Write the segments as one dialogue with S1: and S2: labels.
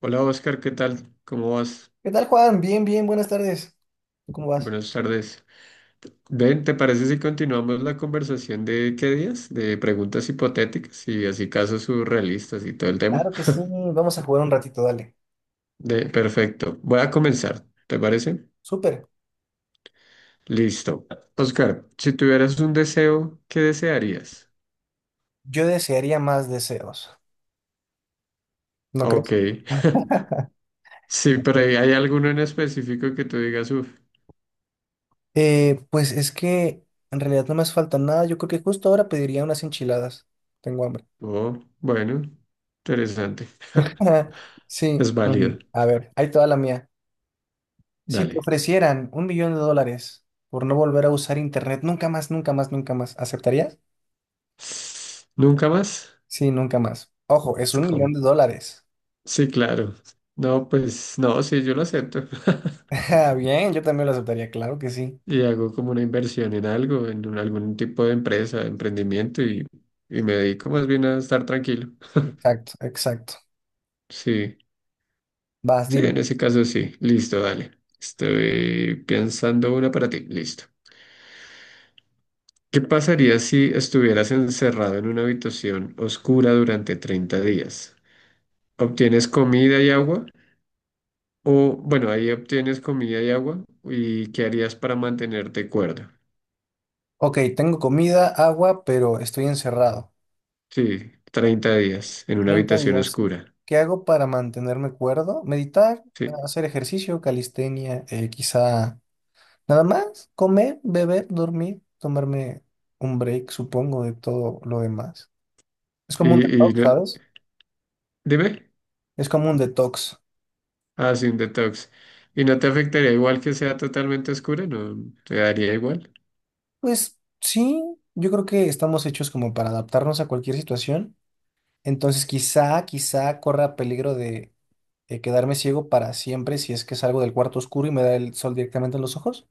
S1: Hola Oscar, ¿qué tal? ¿Cómo vas?
S2: ¿Qué tal, Juan? Bien, bien, buenas tardes. ¿Tú cómo vas?
S1: Buenas tardes. Ven, ¿te parece si continuamos la conversación de qué días? De preguntas hipotéticas y así casos surrealistas y todo el tema.
S2: Claro que sí, vamos a jugar un ratito, dale.
S1: De, perfecto. Voy a comenzar, ¿te parece?
S2: Súper.
S1: Listo. Oscar, si tuvieras un deseo, ¿qué desearías?
S2: Yo desearía más deseos. ¿No
S1: Ok.
S2: crees?
S1: Sí, pero ¿hay alguno en específico que tú digas, uff,
S2: Pues es que en realidad no me hace falta nada. Yo creo que justo ahora pediría unas enchiladas. Tengo hambre.
S1: oh, bueno, interesante.
S2: Sí,
S1: Es válido.
S2: a ver, ahí toda la mía. Si te
S1: Dale.
S2: ofrecieran 1 millón de dólares por no volver a usar internet, nunca más, nunca más, nunca más, ¿aceptarías?
S1: ¿Nunca más?
S2: Sí, nunca más. Ojo, es
S1: Es
S2: 1 millón de dólares.
S1: Sí, claro. No, pues no, sí, yo lo acepto.
S2: Ah, bien, yo también lo aceptaría, claro que sí.
S1: Y hago como una inversión en algo, en algún tipo de empresa, de emprendimiento y me dedico más bien a estar tranquilo.
S2: Exacto, exacto.
S1: Sí,
S2: Vas,
S1: sí, en
S2: dime.
S1: ese caso sí. Listo, dale. Estoy pensando una para ti. Listo. ¿Qué pasaría si estuvieras encerrado en una habitación oscura durante 30 días? ¿Obtienes comida y agua? O, bueno, ahí obtienes comida y agua. ¿Y qué harías para mantenerte cuerdo?
S2: Ok, tengo comida, agua, pero estoy encerrado.
S1: Sí, 30 días en una
S2: treinta
S1: habitación
S2: días.
S1: oscura.
S2: ¿Qué hago para mantenerme cuerdo? Meditar,
S1: Sí.
S2: hacer ejercicio, calistenia, quizá nada más, comer, beber, dormir, tomarme un break, supongo, de todo lo demás. Es como un
S1: Y
S2: detox, ¿sabes?
S1: dime,
S2: Es como un detox.
S1: ah, sí, un detox. ¿Y no te afectaría igual que sea totalmente oscura? ¿No te daría igual?
S2: Pues sí, yo creo que estamos hechos como para adaptarnos a cualquier situación. Entonces quizá corra peligro de quedarme ciego para siempre si es que salgo del cuarto oscuro y me da el sol directamente en los ojos.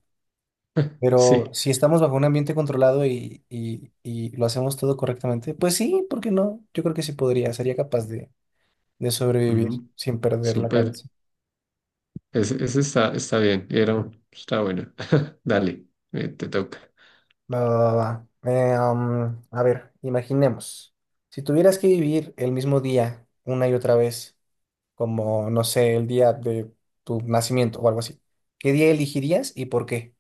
S2: Pero
S1: Sí.
S2: si estamos bajo un ambiente controlado y lo hacemos todo correctamente, pues sí, ¿por qué no? Yo creo que sí podría, sería capaz de sobrevivir
S1: Ujú,
S2: sin perder la
S1: súper.
S2: cabeza.
S1: Ese está, está bien. Y Era, está bueno. Dale, te toca.
S2: Va, va, va, va. A ver, imaginemos, si tuvieras que vivir el mismo día una y otra vez, como, no sé, el día de tu nacimiento o algo así. ¿Qué día elegirías y por qué?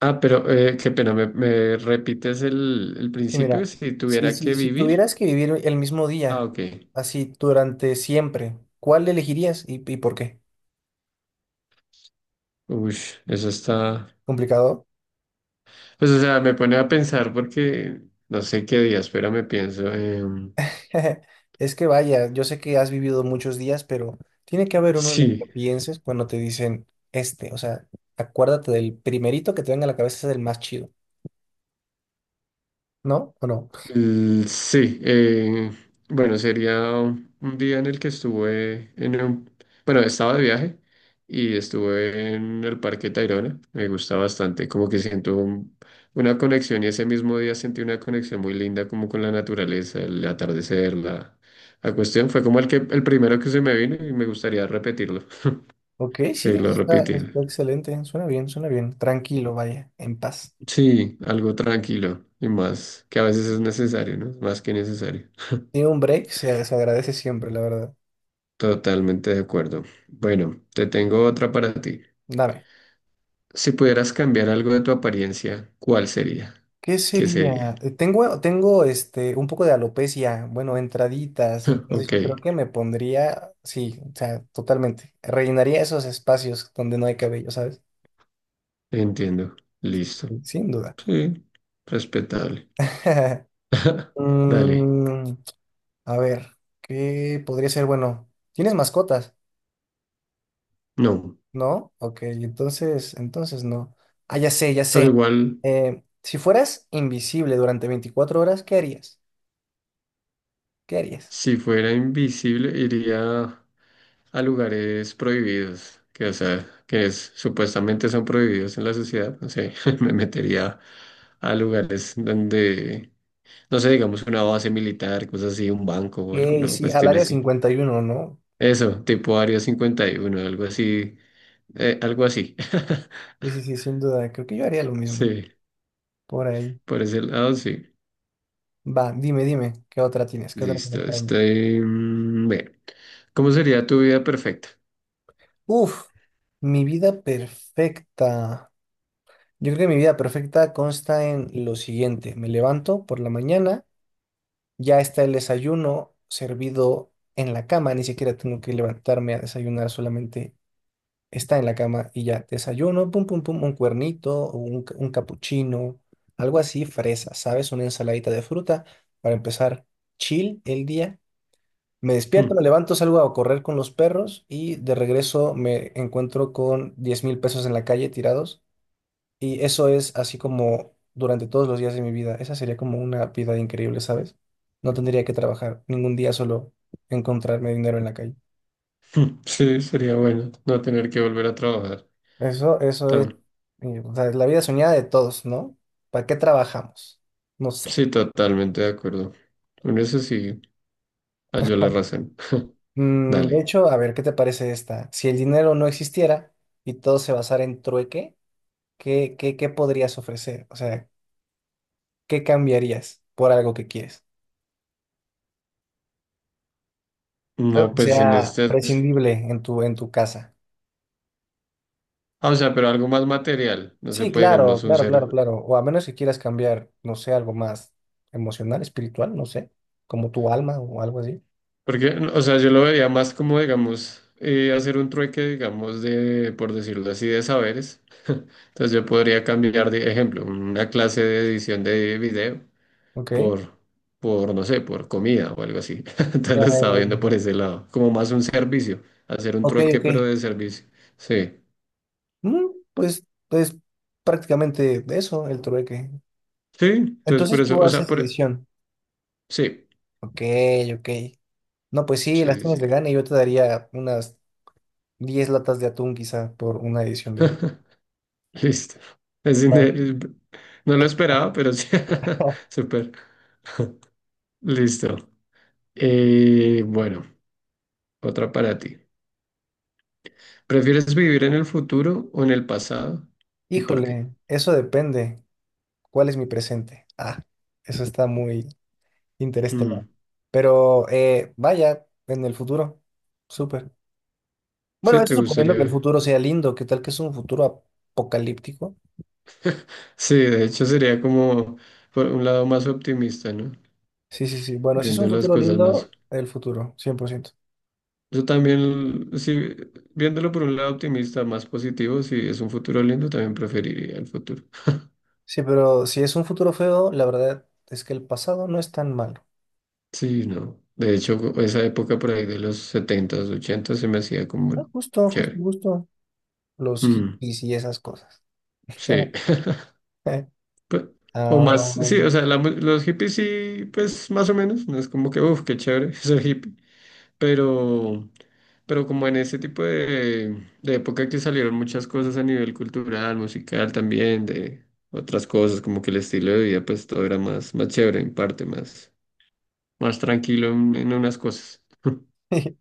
S1: Ah, pero qué pena, ¿me, me repites el
S2: Y
S1: principio?
S2: mira,
S1: Si
S2: si,
S1: tuviera
S2: si,
S1: que
S2: si
S1: vivir.
S2: tuvieras que vivir el mismo
S1: Ah,
S2: día,
S1: ok.
S2: así durante siempre, ¿cuál elegirías y por qué?
S1: Uy, eso está.
S2: ¿Complicado?
S1: Pues, o sea, me pone a pensar porque no sé qué día. Espera, me pienso.
S2: Es que vaya, yo sé que has vivido muchos días, pero tiene que haber uno en el que
S1: Sí,
S2: pienses cuando te dicen o sea, acuérdate del primerito que te venga a la cabeza es el más chido, ¿no? ¿O no?
S1: sí. Bueno, sería un día en el que estuve en un, bueno, estaba de viaje y estuve en el Parque Tayrona. Me gusta bastante, como que siento un- una conexión y ese mismo día sentí una conexión muy linda como con la naturaleza, el atardecer, la cuestión. Fue como el que, el primero que se me vino y me gustaría repetirlo,
S2: Ok, sí,
S1: seguirlo
S2: está,
S1: repitiendo.
S2: está excelente, suena bien, tranquilo, vaya, en paz.
S1: Sí, algo tranquilo y más, que a veces es necesario, ¿no? Más que necesario.
S2: Sí, un break se agradece siempre, la verdad.
S1: Totalmente de acuerdo. Bueno, te tengo otra para ti.
S2: Dame,
S1: Si pudieras cambiar algo de tu apariencia, ¿cuál sería?
S2: ¿qué
S1: ¿Qué sería?
S2: sería? Tengo un poco de alopecia, bueno, entraditas, entonces
S1: Ok,
S2: yo creo que me pondría, sí, o sea, totalmente. Rellenaría esos espacios donde no hay cabello, ¿sabes?
S1: entiendo. Listo.
S2: Sí, sin duda.
S1: Sí, respetable. Dale.
S2: Mm, a ver, ¿qué podría ser? Bueno, ¿tienes mascotas?
S1: No.
S2: ¿No? Ok, entonces no. Ah, ya sé, ya
S1: Pero
S2: sé.
S1: igual,
S2: Si fueras invisible durante 24 horas, ¿qué harías? ¿Qué harías?
S1: si fuera invisible, iría a lugares prohibidos, que o sea, que supuestamente son prohibidos en la sociedad, no sé, me metería a lugares donde, no sé, digamos una base militar, cosas así, un banco o
S2: Ok,
S1: alguna
S2: sí, al
S1: cuestión
S2: Área
S1: así.
S2: 51, ¿no?
S1: Eso, tipo Área 51, algo así, algo así.
S2: Sí, sí, sí, sin duda. Creo que yo haría lo mismo
S1: Sí,
S2: por ahí.
S1: por ese lado sí.
S2: Va, dime, ¿qué otra tienes? ¿Qué otra tienes
S1: Listo,
S2: para mí?
S1: estoy... Bien. ¿Cómo sería tu vida perfecta?
S2: Uf, mi vida perfecta. Yo creo que mi vida perfecta consta en lo siguiente. Me levanto por la mañana, ya está el desayuno servido en la cama, ni siquiera tengo que levantarme a desayunar, solamente está en la cama y ya desayuno, pum, pum, pum, un cuernito, o un capuchino, algo así, fresa, ¿sabes? Una ensaladita de fruta para empezar chill el día. Me despierto,
S1: Hmm,
S2: me levanto, salgo a correr con los perros y de regreso me encuentro con 10,000 pesos en la calle tirados. Y eso es así como durante todos los días de mi vida. Esa sería como una vida increíble, ¿sabes? No tendría que trabajar ningún día, solo encontrarme dinero en la calle.
S1: hmm, sí, sería bueno no tener que volver a trabajar.
S2: Eso es, o sea, es la vida soñada de todos, ¿no? ¿Para qué trabajamos? No sé.
S1: Sí, totalmente de acuerdo. Con eso sí, halló la razón.
S2: De
S1: Dale.
S2: hecho, a ver, ¿qué te parece esta? Si el dinero no existiera y todo se basara en trueque, ¿qué podrías ofrecer? O sea, ¿qué cambiarías por algo que quieres? Algo
S1: No,
S2: que
S1: pues en
S2: sea
S1: este... es-
S2: prescindible en tu casa.
S1: Ah, o sea, pero algo más material. No se
S2: Sí,
S1: puede, digamos,
S2: claro,
S1: un
S2: claro, claro,
S1: ser...
S2: claro. O a menos que quieras cambiar, no sé, algo más emocional, espiritual, no sé, como tu alma o algo así.
S1: Porque, o sea, yo lo veía más como, digamos, hacer un trueque, digamos, de, por decirlo así, de saberes. Entonces yo podría cambiar, de ejemplo, una clase de edición de video
S2: Ok.
S1: por, por, no sé, por comida o algo así. Entonces
S2: Ya,
S1: lo estaba viendo por ese lado. Como más un servicio. Hacer un
S2: ok,
S1: trueque,
S2: ok.
S1: pero de servicio. Sí.
S2: Mm, pues prácticamente eso, el trueque.
S1: Sí, entonces por
S2: Entonces
S1: eso,
S2: tú
S1: o sea,
S2: haces
S1: por...
S2: edición.
S1: Sí,
S2: Ok, ok. No, pues sí,
S1: sí,
S2: las
S1: sí,
S2: tienes de
S1: sí.
S2: gana y yo te daría unas 10 latas de atún quizá por una edición de...
S1: Listo. Es
S2: Ah.
S1: inde- No lo esperaba, pero sí. Súper. Listo. Bueno, otra para ti. ¿Prefieres vivir en el futuro o en el pasado? ¿Y por qué?
S2: Híjole, eso depende. ¿Cuál es mi presente? Ah, eso está muy interestelar.
S1: Mm,
S2: Pero vaya, en el futuro. Súper. Bueno,
S1: sí,
S2: eso
S1: te
S2: suponiendo que el
S1: gustaría.
S2: futuro sea lindo. ¿Qué tal que es un futuro apocalíptico?
S1: Sí, de hecho sería como por un lado más optimista, ¿no?
S2: Sí, sí, sí. Bueno, si es
S1: Viendo
S2: un
S1: las
S2: futuro
S1: cosas más.
S2: lindo, el futuro, 100%.
S1: Yo también, sí, viéndolo por un lado optimista, más positivo, si es un futuro lindo, también preferiría el futuro.
S2: Sí, pero si es un futuro feo, la verdad es que el pasado no es tan malo.
S1: Sí, no. De hecho, esa época por ahí de los setentas ochentas se me hacía como
S2: Ah, justo, justo,
S1: chévere.
S2: justo. Los
S1: Mm,
S2: hippies y esas cosas.
S1: sí. Pe- O más, sí, o
S2: Am,
S1: sea, la los hippies sí, pues más o menos, no es como que, uff, qué chévere ser hippie, pero, pero como en ese tipo de época que salieron muchas cosas a nivel cultural, musical también, de otras cosas, como que el estilo de vida, pues todo era más, más chévere en parte, más, más tranquilo en unas cosas,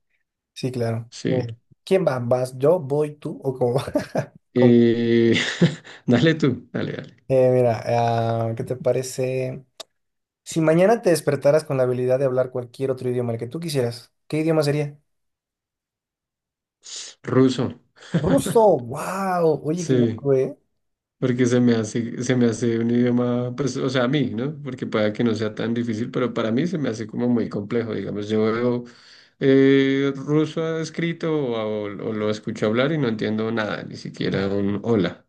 S2: sí, claro.
S1: sí.
S2: ¿Quién va? ¿Vas yo? ¿Voy tú? ¿O cómo va? ¿Cómo?
S1: Y dale tú, dale, dale.
S2: Mira, ¿qué te parece? Si mañana te despertaras con la habilidad de hablar cualquier otro idioma, el que tú quisieras, ¿qué idioma sería?
S1: Ruso,
S2: Ruso, wow. Oye, qué
S1: sí.
S2: loco, ¿eh?
S1: Porque se me hace un idioma, pues, o sea, a mí, ¿no? Porque pueda que no sea tan difícil, pero para mí se me hace como muy complejo, digamos. Yo veo ruso escrito o lo escucho hablar y no entiendo nada, ni siquiera un hola,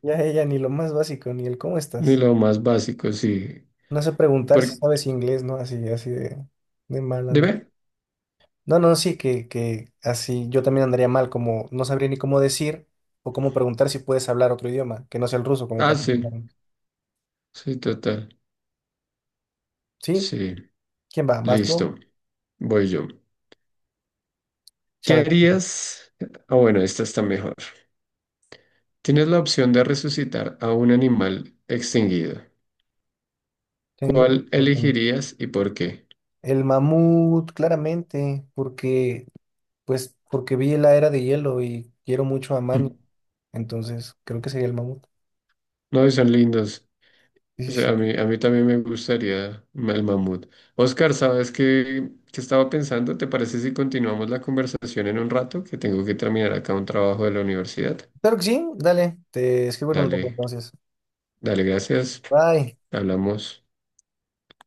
S2: Ya ella ni lo más básico, ni el cómo
S1: ni
S2: estás.
S1: lo más básico, sí.
S2: No sé preguntar si
S1: ¿Por,
S2: sabes inglés, ¿no? Así, así de mal
S1: ¿de
S2: ando.
S1: ver?
S2: No, no, sí, que así yo también andaría mal, como no sabría ni cómo decir o cómo preguntar si puedes hablar otro idioma, que no sea el ruso, como
S1: Ah,
S2: para
S1: sí,
S2: entender.
S1: sí, total.
S2: ¿Sí?
S1: Sí,
S2: ¿Quién va? ¿Vas tú?
S1: listo, voy yo. ¿Qué
S2: Chabela.
S1: harías? Ah, bueno, esta está mejor. Tienes la opción de resucitar a un animal extinguido.
S2: Tengo
S1: ¿Cuál elegirías y por qué?
S2: el mamut, claramente, porque, pues, porque vi La Era de Hielo y quiero mucho a Manny, entonces creo que sería el mamut.
S1: No, y son lindos.
S2: Sí,
S1: O
S2: sí,
S1: sea,
S2: sí.
S1: a mí también me gustaría el mamut. Oscar, ¿sabes qué, qué estaba pensando? ¿Te parece si continuamos la conversación en un rato? Que tengo que terminar acá un trabajo de la universidad.
S2: Claro que sí, dale, te escribo en un poco
S1: Dale,
S2: entonces.
S1: dale, gracias.
S2: Bye.
S1: Hablamos.